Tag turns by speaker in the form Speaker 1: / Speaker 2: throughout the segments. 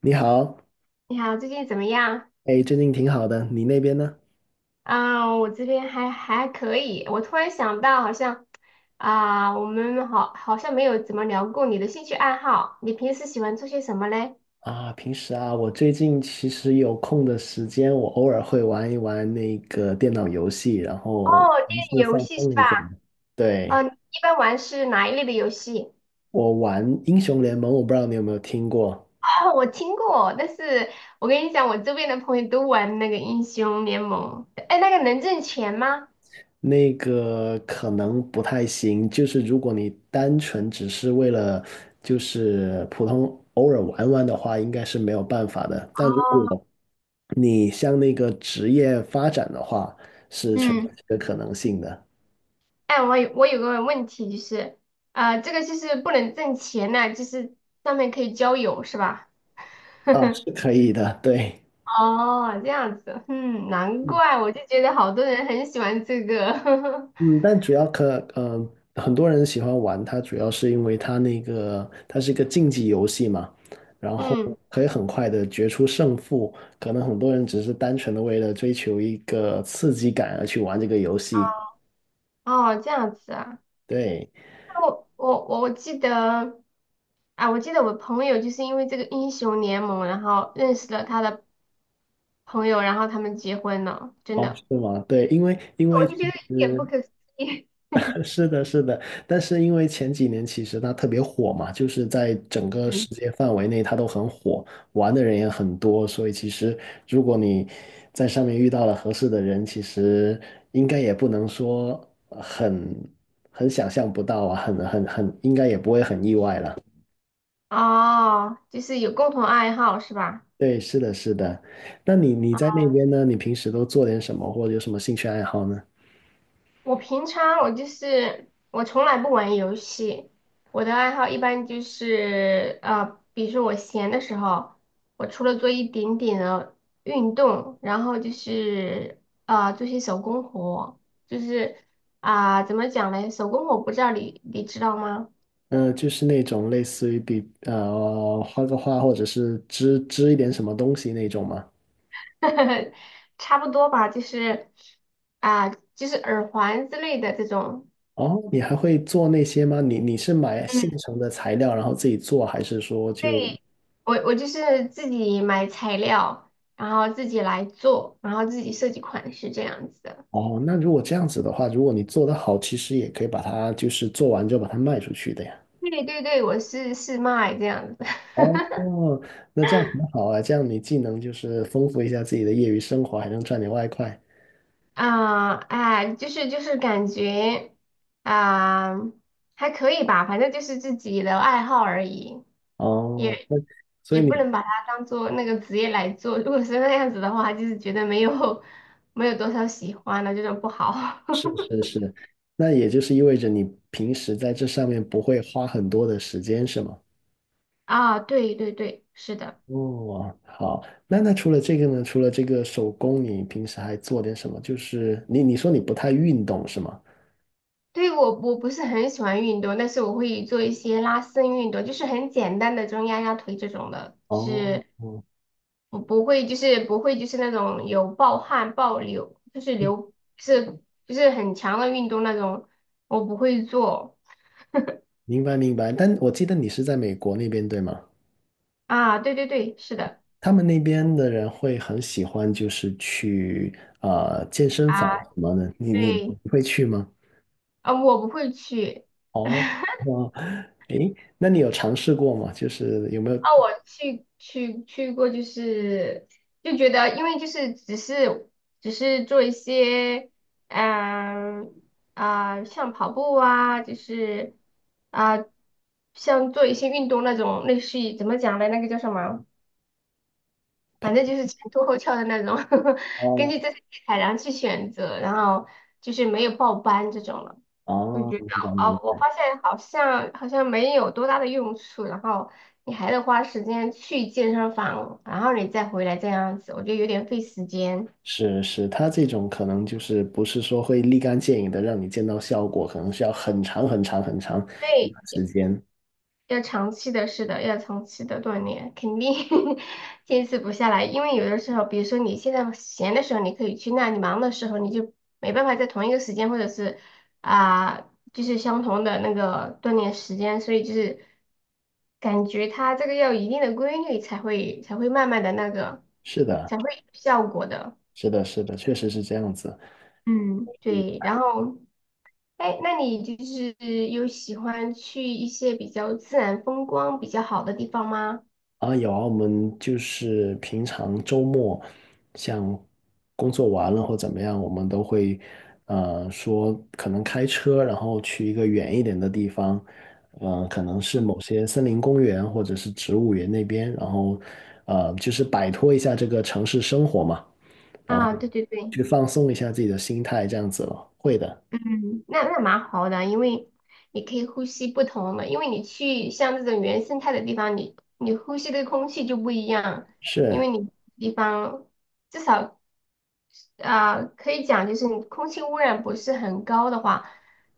Speaker 1: 你好，
Speaker 2: 你好，最近怎么样？
Speaker 1: 哎，最近挺好的，你那边呢？
Speaker 2: 我这边还可以。我突然想到，好像我们好像没有怎么聊过你的兴趣爱好。你平时喜欢做些什么嘞？
Speaker 1: 啊，平时啊，我最近其实有空的时间，我偶尔会玩一玩那个电脑游戏，然
Speaker 2: 哦，
Speaker 1: 后尝
Speaker 2: 电
Speaker 1: 试
Speaker 2: 影游
Speaker 1: 放
Speaker 2: 戏是
Speaker 1: 松
Speaker 2: 吧？
Speaker 1: 一下。对，
Speaker 2: 嗯、你一般玩是哪一类的游戏？
Speaker 1: 我玩英雄联盟，我不知道你有没有听过，
Speaker 2: 哦，我听过，但是我跟你讲，我周边的朋友都玩那个英雄联盟。哎，那个能挣钱吗？
Speaker 1: 那个可能不太行，就是如果你单纯只是为了普通偶尔玩玩的话，应该是没有办法的。但如
Speaker 2: 哦，
Speaker 1: 果你向那个职业发展的话，是存在
Speaker 2: 嗯，
Speaker 1: 这个可能性的。
Speaker 2: 哎，我有个问题，就是，啊，这个就是不能挣钱呐，就是上面可以交友是吧？
Speaker 1: 啊，是可以的，对，
Speaker 2: 哦，这样子，嗯，难
Speaker 1: 嗯
Speaker 2: 怪我就觉得好多人很喜欢这个，
Speaker 1: 嗯，但主要可嗯，很多人喜欢玩它，主要是因为它是一个竞技游戏嘛，然后
Speaker 2: 嗯，
Speaker 1: 可以很快的决出胜负，可能很多人只是单纯的为了追求一个刺激感而去玩这个游戏。
Speaker 2: 哦，这样子啊，
Speaker 1: 对，
Speaker 2: 那我我我我记得啊，我记得我朋友就是因为这个英雄联盟，然后认识了他的朋友，然后他们结婚了，真
Speaker 1: 哦，
Speaker 2: 的，
Speaker 1: 是吗？对，因为因
Speaker 2: 我
Speaker 1: 为
Speaker 2: 就
Speaker 1: 其
Speaker 2: 觉得一点
Speaker 1: 实
Speaker 2: 不可思议。
Speaker 1: 是的，是的，但是因为前几年其实它特别火嘛，就是在整 个世
Speaker 2: 嗯，
Speaker 1: 界范围内它都很火，玩的人也很多，所以其实如果你在上面遇到了合适的人，其实应该也不能说很想象不到啊，很很很，应该也不会很意外了。
Speaker 2: 哦，就是有共同爱好是吧？
Speaker 1: 对，是的，是的。那你在那边呢？你平时都做点什么，或者有什么兴趣爱好呢？
Speaker 2: 我平常我就是我从来不玩游戏，我的爱好一般就是比如说我闲的时候，我除了做一点点的运动，然后就是做些手工活，就是怎么讲嘞？手工活不知道你知道吗？
Speaker 1: 嗯，就是那种类似于画个画，或者是织一点什么东西那种吗？
Speaker 2: 差不多吧，就是啊、就是耳环之类的这种。
Speaker 1: 哦，你还会做那些吗？你是买现
Speaker 2: 嗯。
Speaker 1: 成的材料，然后自己做，还是说就
Speaker 2: 对，我就是自己买材料，然后自己来做，然后自己设计款式这样子的。
Speaker 1: 哦？那如果这样子的话，如果你做得好，其实也可以把它就是做完之后把它卖出去的呀。
Speaker 2: 对对对，我是卖这样子。
Speaker 1: 哦，那这样很好啊，这样你既能就是丰富一下自己的业余生活，还能赚点外快。
Speaker 2: 啊，哎，就是感觉啊，还可以吧，反正就是自己的爱好而已，
Speaker 1: 哦，
Speaker 2: 也
Speaker 1: 那所以
Speaker 2: 也
Speaker 1: 你。
Speaker 2: 不能把它当做那个职业来做。如果是那样子的话，就是觉得没有多少喜欢的，这种不好。
Speaker 1: 是是是，那也就是意味着你平时在这上面不会花很多的时间，是吗？
Speaker 2: 啊，对对对，是的。
Speaker 1: 哦，好，那那除了这个呢？除了这个手工，你平时还做点什么？就是你说你不太运动是吗？
Speaker 2: 对，我不是很喜欢运动，但是我会做一些拉伸运动，就是很简单的这种压压腿这种的，就
Speaker 1: 哦，
Speaker 2: 是
Speaker 1: 哦，
Speaker 2: 我不会，就是不会，就是那种有暴汗、暴流，就是流，是就是很强的运动那种，我不会做
Speaker 1: 明白明白。但我记得你是在美国那边对吗？
Speaker 2: 啊。对对对，是的
Speaker 1: 他们那边的人会很喜欢就是去健身房
Speaker 2: 啊，
Speaker 1: 什么的，你你
Speaker 2: 对
Speaker 1: 你会去吗？
Speaker 2: 啊，我不会去。
Speaker 1: 哦，哦，诶，那你有尝试过吗？就是有没有
Speaker 2: 啊，我去过，就是就觉得，因为就是只是做一些，嗯像跑步啊，就是啊、像做一些运动那种，类似于怎么讲呢？那个叫什么？
Speaker 1: 跑？
Speaker 2: 反正就是前凸后翘的那种，根
Speaker 1: 哦
Speaker 2: 据自己的体态然后去选择，然后就是没有报班这种了。我
Speaker 1: 哦，
Speaker 2: 觉得
Speaker 1: 明白
Speaker 2: 哦，
Speaker 1: 明
Speaker 2: 我
Speaker 1: 白。
Speaker 2: 发现好像没有多大的用处，然后你还得花时间去健身房，然后你再回来这样子，我觉得有点费时间。
Speaker 1: 是是，他这种可能就是不是说会立竿见影的让你见到效果，可能需要很长
Speaker 2: 对，
Speaker 1: 一段时间。
Speaker 2: 要长期的，是的，要长期的锻炼，肯定 坚持不下来。因为有的时候，比如说你现在闲的时候，你可以去那；你忙的时候，你就没办法在同一个时间，或者是啊、就是相同的那个锻炼时间。所以就是感觉它这个要有一定的规律，才会慢慢的那个，
Speaker 1: 是的，
Speaker 2: 才会有效果的。
Speaker 1: 是的，是的，确实是这样子。
Speaker 2: 嗯，对。然后，哎，那你就是有喜欢去一些比较自然风光比较好的地方吗？
Speaker 1: 啊，有啊，我们就是平常周末，像工作完了或怎么样，我们都会，说可能开车，然后去一个远一点的地方，可能是某些森林公园或者是植物园那边，然后，就是摆脱一下这个城市生活嘛，
Speaker 2: 啊，对对对，
Speaker 1: 去放松一下自己的心态，这样子了。会的，
Speaker 2: 嗯，那那蛮好的，因为你可以呼吸不同的，因为你去像这种原生态的地方，你呼吸的空气就不一样，因
Speaker 1: 是
Speaker 2: 为你地方至少。啊，可以讲就是你空气污染不是很高的话，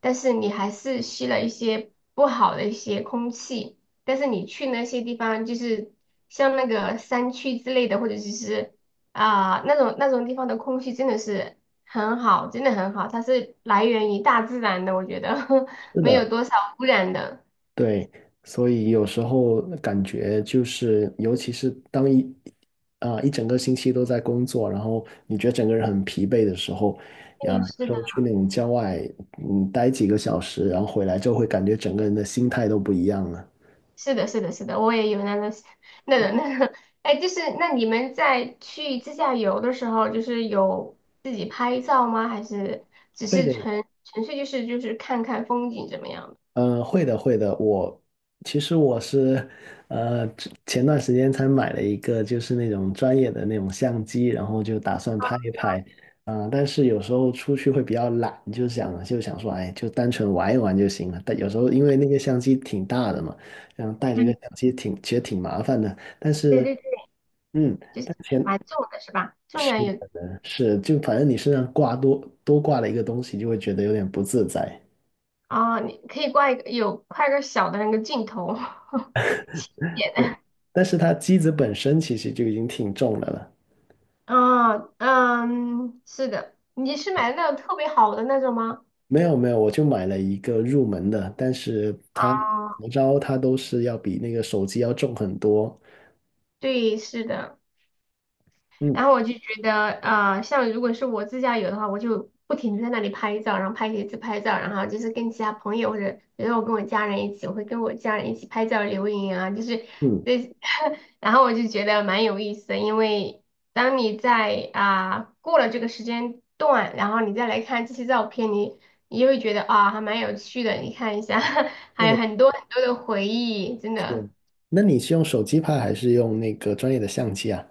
Speaker 2: 但是你还是吸了一些不好的一些空气，但是你去那些地方，就是像那个山区之类的，或者就是那种地方的空气真的是很好，真的很好，它是来源于大自然的，我觉得
Speaker 1: 是
Speaker 2: 没
Speaker 1: 的，
Speaker 2: 有多少污染的。
Speaker 1: 对，所以有时候感觉就是，尤其是当一啊、一整个星期都在工作，然后你觉得整个人很疲惫的时候，呀，
Speaker 2: 对，
Speaker 1: 有
Speaker 2: 是
Speaker 1: 时
Speaker 2: 的。
Speaker 1: 候去那种郊外，嗯，待几个小时，然后回来就会感觉整个人的心态都不一样了。
Speaker 2: 是的，是的，是的，我也有那种 那个，哎，就是那你们在去自驾游的时候，就是有自己拍照吗？还是只
Speaker 1: 对
Speaker 2: 是
Speaker 1: 的。
Speaker 2: 纯粹就是看看风景怎么样的？
Speaker 1: 嗯，会的，会的。我其实是,之前段时间才买了一个，就是那种专业的那种相机，然后就打算拍一拍。但是有时候出去会比较懒，就想说，哎，就单纯玩一玩就行了。但有时候因为那个相机挺大的嘛，然后带着个
Speaker 2: 嗯，
Speaker 1: 相机其实挺麻烦的。但
Speaker 2: 对
Speaker 1: 是，
Speaker 2: 对对。
Speaker 1: 嗯，
Speaker 2: 就是
Speaker 1: 但前
Speaker 2: 蛮重的是吧？重
Speaker 1: 是
Speaker 2: 量也
Speaker 1: 是就反正你身上多挂了一个东西，就会觉得有点不自在。
Speaker 2: 啊，你可以挂一个小的那个镜头 点的。
Speaker 1: 但是它机子本身其实就已经挺重的了。
Speaker 2: 哦，嗯，是的，你是买的那种特别好的那种吗？
Speaker 1: 没有没有，我就买了一个入门的，但是它怎
Speaker 2: 啊，
Speaker 1: 么着它都是要比那个手机要重很多。
Speaker 2: 对，是的。
Speaker 1: 嗯
Speaker 2: 然后我就觉得，啊，像如果是我自驾游的话，我就不停的在那里拍照，然后拍一次拍照，然后就是跟其他朋友或者比如说我跟我家人一起，我会跟我家人一起拍照留影啊，就是
Speaker 1: 嗯，
Speaker 2: 这，然后我就觉得蛮有意思的，因为当你在过了这个时间段，然后你再来看这些照片，你就会觉得还蛮有趣的，你看一下，
Speaker 1: 是
Speaker 2: 还有
Speaker 1: 的，
Speaker 2: 很多很多的回忆，真的。
Speaker 1: 是。那你是用手机拍还是用那个专业的相机啊？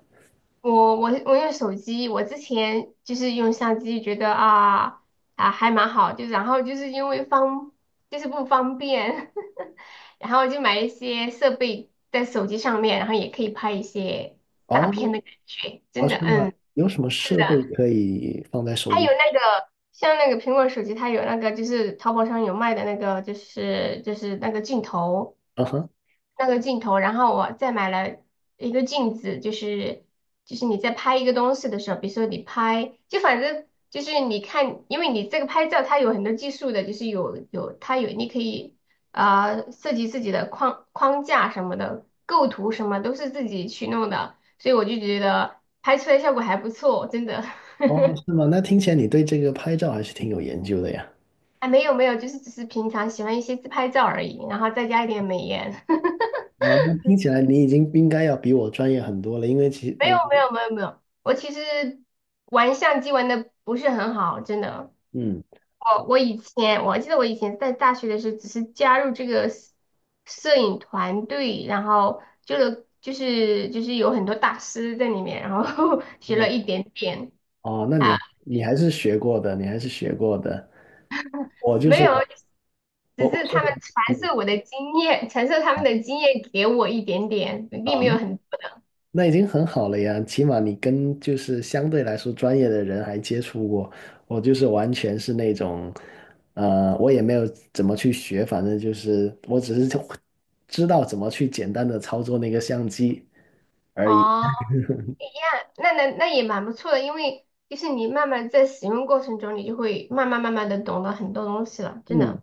Speaker 2: 我用手机，我之前就是用相机，觉得啊啊还蛮好，然后就是因为方就是不方便，然后就买一些设备在手机上面，然后也可以拍一些大片
Speaker 1: 哦
Speaker 2: 的感觉，
Speaker 1: 哦，
Speaker 2: 真的，
Speaker 1: 是吗？
Speaker 2: 嗯，
Speaker 1: 有什么
Speaker 2: 是
Speaker 1: 设
Speaker 2: 的，
Speaker 1: 备可以放在手
Speaker 2: 它
Speaker 1: 机？
Speaker 2: 有那个像那个苹果手机，它有那个就是淘宝上有卖的那个就是那个镜头。
Speaker 1: 啊哈，
Speaker 2: 那个镜头，然后我再买了一个镜子，就是就是你在拍一个东西的时候，比如说你拍，就反正就是你看，因为你这个拍照它有很多技术的，就是有它有你可以设计自己的框架什么的，构图什么都是自己去弄的，所以我就觉得拍出来效果还不错，真的。
Speaker 1: 哦，是吗？那听起来你对这个拍照还是挺有研究的呀。
Speaker 2: 啊，没有，就是只是平常喜欢一些自拍照而已，然后再加一点美颜。
Speaker 1: 哦，那听起来你已经应该要比我专业很多了，因为其实，
Speaker 2: 没有，我其实玩相机玩的不是很好，真的。
Speaker 1: 嗯，
Speaker 2: 我以前我记得以前在大学的时候，只是加入这个摄影团队，就是有很多大师在里面，然后 学了
Speaker 1: 嗯，
Speaker 2: 一点点
Speaker 1: 哦，那
Speaker 2: 啊，
Speaker 1: 你还是学过的，你还是学过的。我就
Speaker 2: 没
Speaker 1: 是
Speaker 2: 有，只
Speaker 1: 我我
Speaker 2: 是
Speaker 1: 是
Speaker 2: 他们传
Speaker 1: 嗯，
Speaker 2: 授我的经验，传授他们的经验给我一点点，并没有很多。
Speaker 1: 那已经很好了呀，起码你跟就是相对来说专业的人还接触过，我就是完全是那种，我也没有怎么去学，反正就是我只是就知道怎么去简单的操作那个相机而已。
Speaker 2: 哦一样，那也蛮不错的，因为就是你慢慢在使用过程中，你就会慢慢的懂得很多东西了，真
Speaker 1: 嗯，
Speaker 2: 的。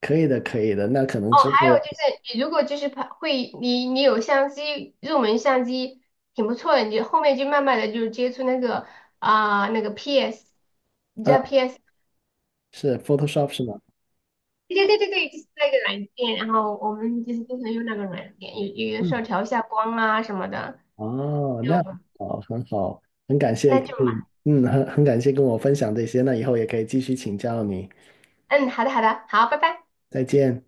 Speaker 1: 可以的，可以的。那可能
Speaker 2: 哦，
Speaker 1: 之
Speaker 2: 还
Speaker 1: 后，
Speaker 2: 有就是你如果就是拍会，你你有相机，入门相机挺不错的，你就后面就慢慢的就接触那个那个 PS，你知道
Speaker 1: 啊，
Speaker 2: PS？
Speaker 1: 是 Photoshop 是吗？
Speaker 2: 对对对对对，就是那个软件，然后我们就是经常用那个软件，有有的时
Speaker 1: 嗯，
Speaker 2: 候调一下光啊什么的，
Speaker 1: 哦，
Speaker 2: 就
Speaker 1: 那好，很好，很感谢，
Speaker 2: 那就嘛，
Speaker 1: 嗯嗯，很感谢跟我分享这些，那以后也可以继续请教你，
Speaker 2: 嗯，好的好的，好，拜拜。
Speaker 1: 再见。